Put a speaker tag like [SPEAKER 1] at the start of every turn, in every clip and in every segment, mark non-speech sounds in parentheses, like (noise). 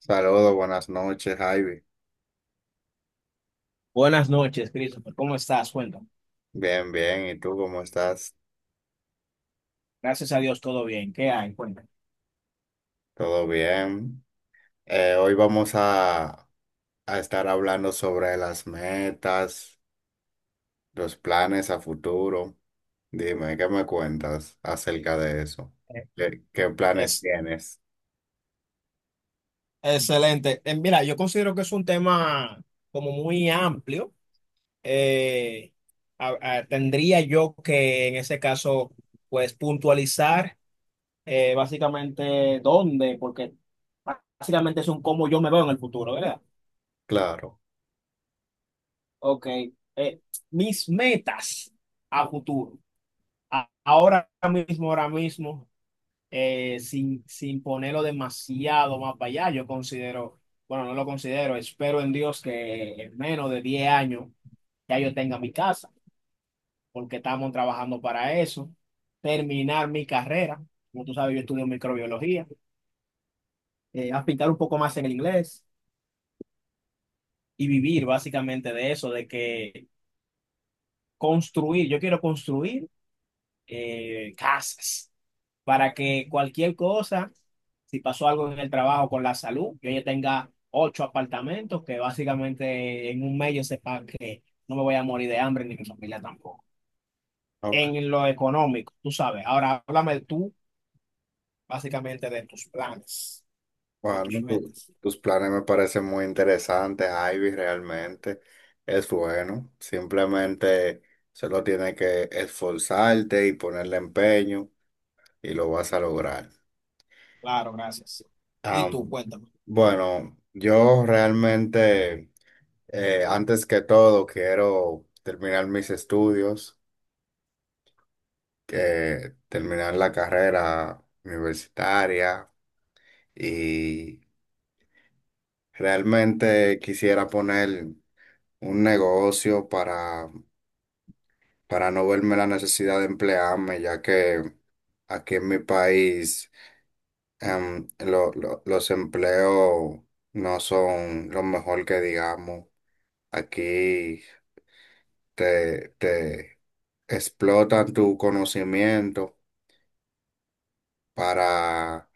[SPEAKER 1] Saludos, buenas noches, Ivy.
[SPEAKER 2] Buenas noches, Christopher. ¿Cómo estás? Cuéntame.
[SPEAKER 1] Bien, bien. ¿Y tú cómo estás?
[SPEAKER 2] Gracias a Dios, todo bien. ¿Qué hay? Cuéntame.
[SPEAKER 1] ¿Todo bien? Hoy vamos a estar hablando sobre las metas, los planes a futuro. Dime, ¿qué me cuentas acerca de eso?
[SPEAKER 2] Eh,
[SPEAKER 1] ¿Qué planes
[SPEAKER 2] Es
[SPEAKER 1] tienes?
[SPEAKER 2] excelente. Mira, yo considero que es un tema como muy amplio. Eh, Tendría yo que, en ese caso, pues puntualizar básicamente dónde, porque básicamente es un cómo yo me veo en el futuro, ¿verdad?
[SPEAKER 1] Claro.
[SPEAKER 2] Ok. Eh, Mis metas a futuro. Ahora mismo, ahora mismo, sin ponerlo demasiado más para allá. Yo considero, bueno, no lo considero, espero en Dios que en menos de 10 años ya yo tenga mi casa, porque estamos trabajando para eso, terminar mi carrera, como tú sabes, yo estudio microbiología, aplicar un poco más en el inglés y vivir básicamente de eso, de que construir, yo quiero construir casas, para que cualquier cosa, si pasó algo en el trabajo con la salud, yo ya tenga 8 apartamentos, que básicamente en un mes yo sepa que no me voy a morir de hambre ni mi familia tampoco.
[SPEAKER 1] Ok.
[SPEAKER 2] En lo económico, tú sabes. Ahora háblame tú básicamente de tus planes o tus
[SPEAKER 1] Bueno,
[SPEAKER 2] metas.
[SPEAKER 1] tus planes me parecen muy interesantes, Ivy, realmente. Es bueno. Simplemente solo tienes que esforzarte y ponerle empeño y lo vas a lograr.
[SPEAKER 2] Claro, gracias. Y tú,
[SPEAKER 1] Am,
[SPEAKER 2] cuéntame.
[SPEAKER 1] bueno, yo realmente, antes que todo, quiero terminar mis estudios, que terminar la carrera universitaria y realmente quisiera poner un negocio para no verme la necesidad de emplearme, ya que aquí en mi país los empleos no son lo mejor que digamos. Aquí te explotan tu conocimiento para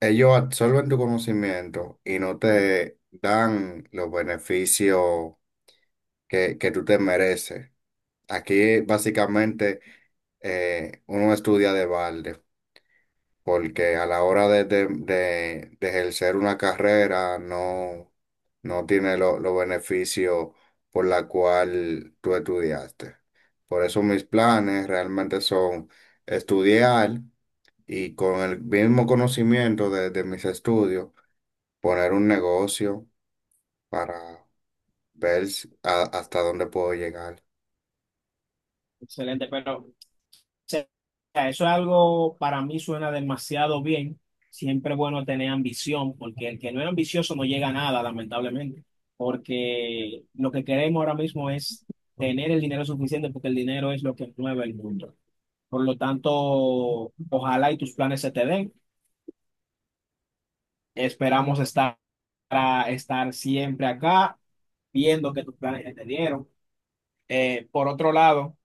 [SPEAKER 1] ellos absorben tu conocimiento y no te dan los beneficios que tú te mereces. Aquí básicamente uno estudia de balde, porque a la hora de ejercer una carrera no, no tiene los beneficios por la cual tú estudiaste. Por eso mis planes realmente son estudiar y con el mismo conocimiento de mis estudios, poner un negocio para ver hasta dónde puedo llegar.
[SPEAKER 2] Excelente, pero sea, eso es algo, para mí suena demasiado bien. Siempre es bueno tener ambición, porque el que no es ambicioso no llega a nada, lamentablemente. Porque lo que queremos ahora mismo es tener el dinero suficiente, porque el dinero es lo que mueve el mundo. Por lo tanto, ojalá y tus planes se te den. Esperamos estar, estar siempre acá, viendo que tus planes se te dieron. Por otro lado,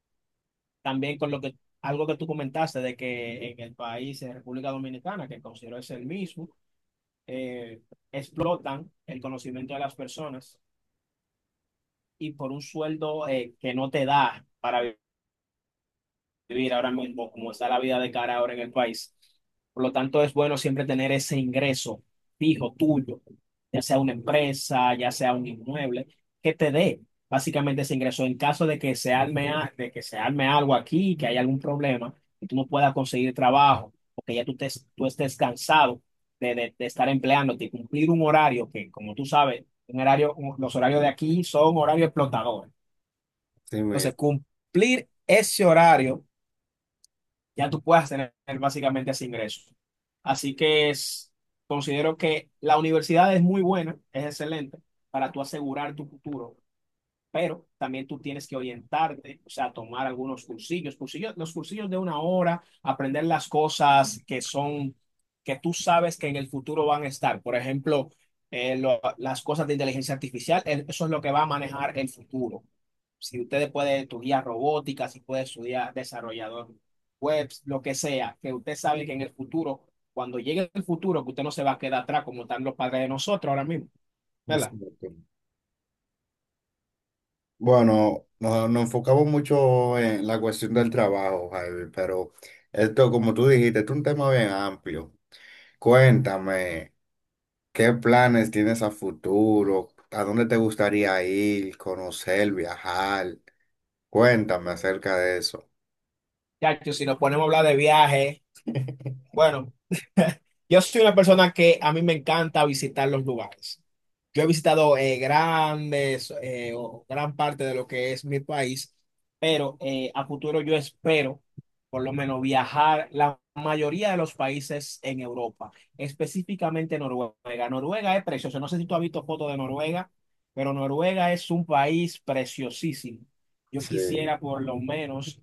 [SPEAKER 2] también con lo que, algo que tú comentaste de que en el país, en República Dominicana, que considero es el mismo, eh, explotan el conocimiento de las personas y por un sueldo que no te da para vivir ahora mismo, como está la vida de cara ahora en el país. Por lo tanto, es bueno siempre tener ese ingreso fijo tuyo, ya sea una empresa, ya sea un inmueble, que te dé básicamente ese ingreso en caso de que se arme, de que se arme algo aquí, que haya algún problema, y tú no puedas conseguir trabajo, o que ya tú estés cansado de estar empleándote y cumplir un horario que, como tú sabes, un horario, los horarios de aquí son horarios explotadores.
[SPEAKER 1] Sí,
[SPEAKER 2] Entonces, cumplir ese horario, ya tú puedas tener básicamente ese ingreso. Así que es- Considero que la universidad es muy buena, es excelente para tú asegurar tu futuro, pero también tú tienes que orientarte, o sea, tomar algunos los cursillos de una hora, aprender las cosas que son, que tú sabes que en el futuro van a estar. Por ejemplo, las cosas de inteligencia artificial, eso es lo que va a manejar el futuro. Si ustedes pueden estudiar robótica, si pueden estudiar desarrollador web, lo que sea, que usted sabe que en el futuro, cuando llegue el futuro, que usted no se va a quedar atrás como están los padres de nosotros ahora mismo, ¿verdad?
[SPEAKER 1] exacto. Bueno, nos enfocamos mucho en la cuestión del trabajo, Javi, pero esto, como tú dijiste, es un tema bien amplio. Cuéntame, ¿qué planes tienes a futuro? ¿A dónde te gustaría ir, conocer, viajar? Cuéntame acerca de eso.
[SPEAKER 2] Ya, si nos ponemos a hablar de viajes, bueno, (laughs) yo soy una persona que a mí me encanta visitar los lugares. Yo he visitado, grandes, o gran parte de lo que es mi país, pero, a futuro yo espero por lo menos viajar la mayoría de los países en Europa, específicamente Noruega. Noruega es precioso. No sé si tú has visto fotos de Noruega, pero Noruega es un país preciosísimo. Yo
[SPEAKER 1] Sí.
[SPEAKER 2] quisiera por lo menos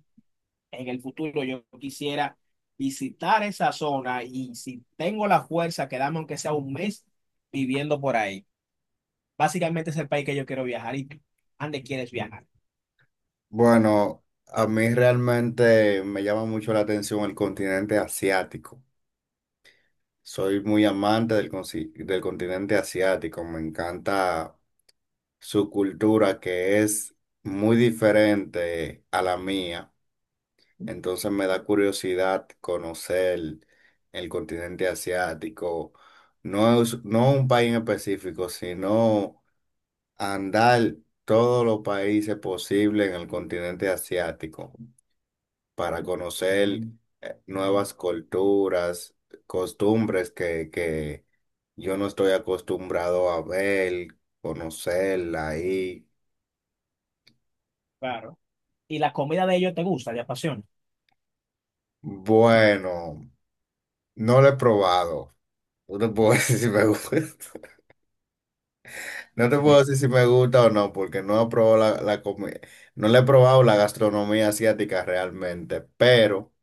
[SPEAKER 2] En el futuro yo quisiera visitar esa zona y, si tengo la fuerza, quedarme aunque sea un mes viviendo por ahí. Básicamente es el país que yo quiero viajar. Y tú, ¿a dónde quieres viajar?
[SPEAKER 1] Bueno, a mí realmente me llama mucho la atención el continente asiático. Soy muy amante del continente asiático. Me encanta su cultura que es muy diferente a la mía. Entonces me da curiosidad conocer el continente asiático. No es, no un país en específico, sino andar todos los países posibles en el continente asiático para conocer nuevas culturas, costumbres que yo no estoy acostumbrado a ver, conocerla ahí.
[SPEAKER 2] Claro. ¿Y la comida de ellos te gusta, te apasiona?
[SPEAKER 1] Bueno, no lo he probado. No te puedo (laughs) decir si me gusta. No te puedo decir si me gusta o no, porque no he probado la. No le he probado la gastronomía asiática realmente, pero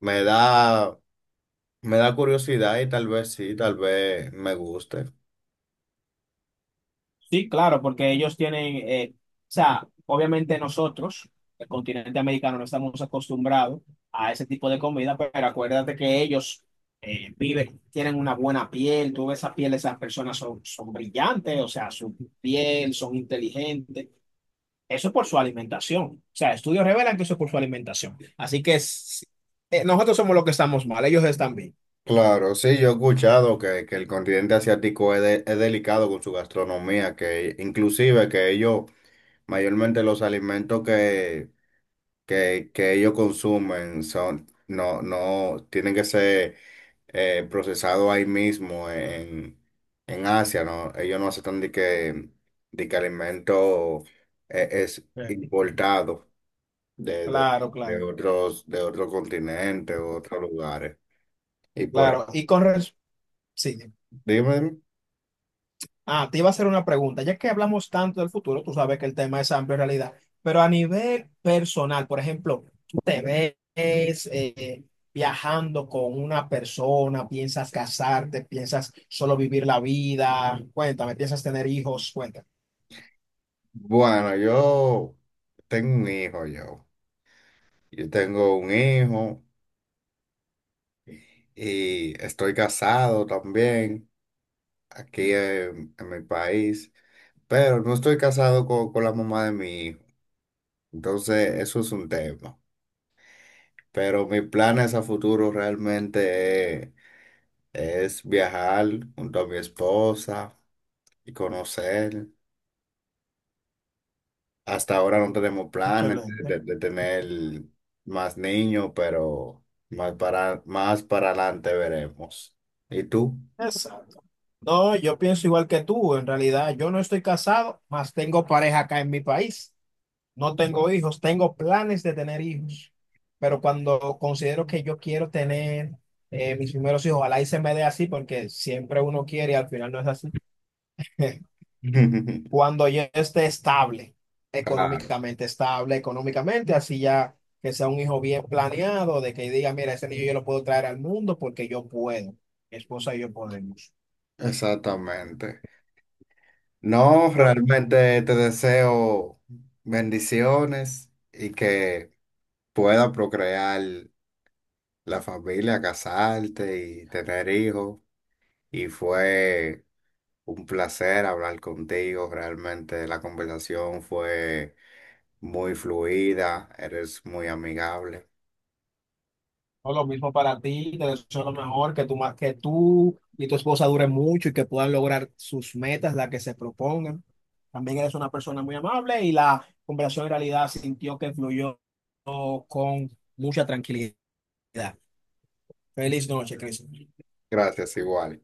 [SPEAKER 1] me da me da curiosidad y tal vez sí, tal vez me guste.
[SPEAKER 2] Sí, claro, porque ellos tienen, o sea, obviamente nosotros, el continente americano, no estamos acostumbrados a ese tipo de comida, pero acuérdate que ellos, viven, tienen una buena piel, tú ves esa piel de esas personas, son, son brillantes, o sea, su piel, son inteligentes, eso es por su alimentación, o sea, estudios revelan que eso es por su alimentación, nosotros somos los que estamos mal, ellos están bien.
[SPEAKER 1] Claro, sí, yo he escuchado que el continente asiático es delicado con su gastronomía, que inclusive que ellos, mayormente los alimentos que ellos consumen son, no, no, tienen que ser procesados ahí mismo en Asia, ¿no? Ellos no aceptan de que alimento es
[SPEAKER 2] Eh,
[SPEAKER 1] importado. de, de,
[SPEAKER 2] Claro,
[SPEAKER 1] de
[SPEAKER 2] claro,
[SPEAKER 1] otros, de otro continente, otros lugares. Y por e,
[SPEAKER 2] claro. Sí.
[SPEAKER 1] Dime,
[SPEAKER 2] Ah, te iba a hacer una pregunta. Ya que hablamos tanto del futuro, tú sabes que el tema es amplio en realidad, pero a nivel personal, por ejemplo, tú te ves, viajando con una persona, piensas casarte, piensas solo vivir la vida, cuéntame, piensas tener hijos, cuéntame.
[SPEAKER 1] bueno, yo tengo un hijo yo. Yo tengo un hijo y estoy casado también aquí en mi país, pero no estoy casado con la mamá de mi hijo. Entonces, eso es un tema. Pero mis planes a futuro realmente es viajar junto a mi esposa y conocer. Hasta ahora no tenemos planes
[SPEAKER 2] Excelente.
[SPEAKER 1] de tener más niños, pero más para adelante veremos. ¿Y tú?
[SPEAKER 2] Exacto. No, yo pienso igual que tú, en realidad. Yo no estoy casado, más tengo pareja acá en mi país. No tengo hijos, tengo planes de tener hijos, pero cuando considero que yo quiero tener, mis primeros hijos, ojalá y se me dé así, porque siempre uno quiere y al final no es así. (laughs)
[SPEAKER 1] (laughs)
[SPEAKER 2] Cuando yo esté
[SPEAKER 1] Claro.
[SPEAKER 2] estable, económicamente, así, ya que sea un hijo bien planeado, de que diga, mira, ese niño yo lo puedo traer al mundo porque yo puedo, mi esposa y yo podemos.
[SPEAKER 1] Exactamente. No,
[SPEAKER 2] Por-
[SPEAKER 1] realmente te deseo bendiciones y que pueda procrear la familia, casarte y tener hijos. Y fue un placer hablar contigo. Realmente la conversación fue muy fluida, eres muy amigable.
[SPEAKER 2] No, lo mismo para ti, te deseo lo mejor, que que tú y tu esposa duren mucho y que puedan lograr sus metas, las que se propongan. También eres una persona muy amable y la conversación en realidad sintió que fluyó con mucha tranquilidad. Feliz noche, Cristian.
[SPEAKER 1] Gracias, igual.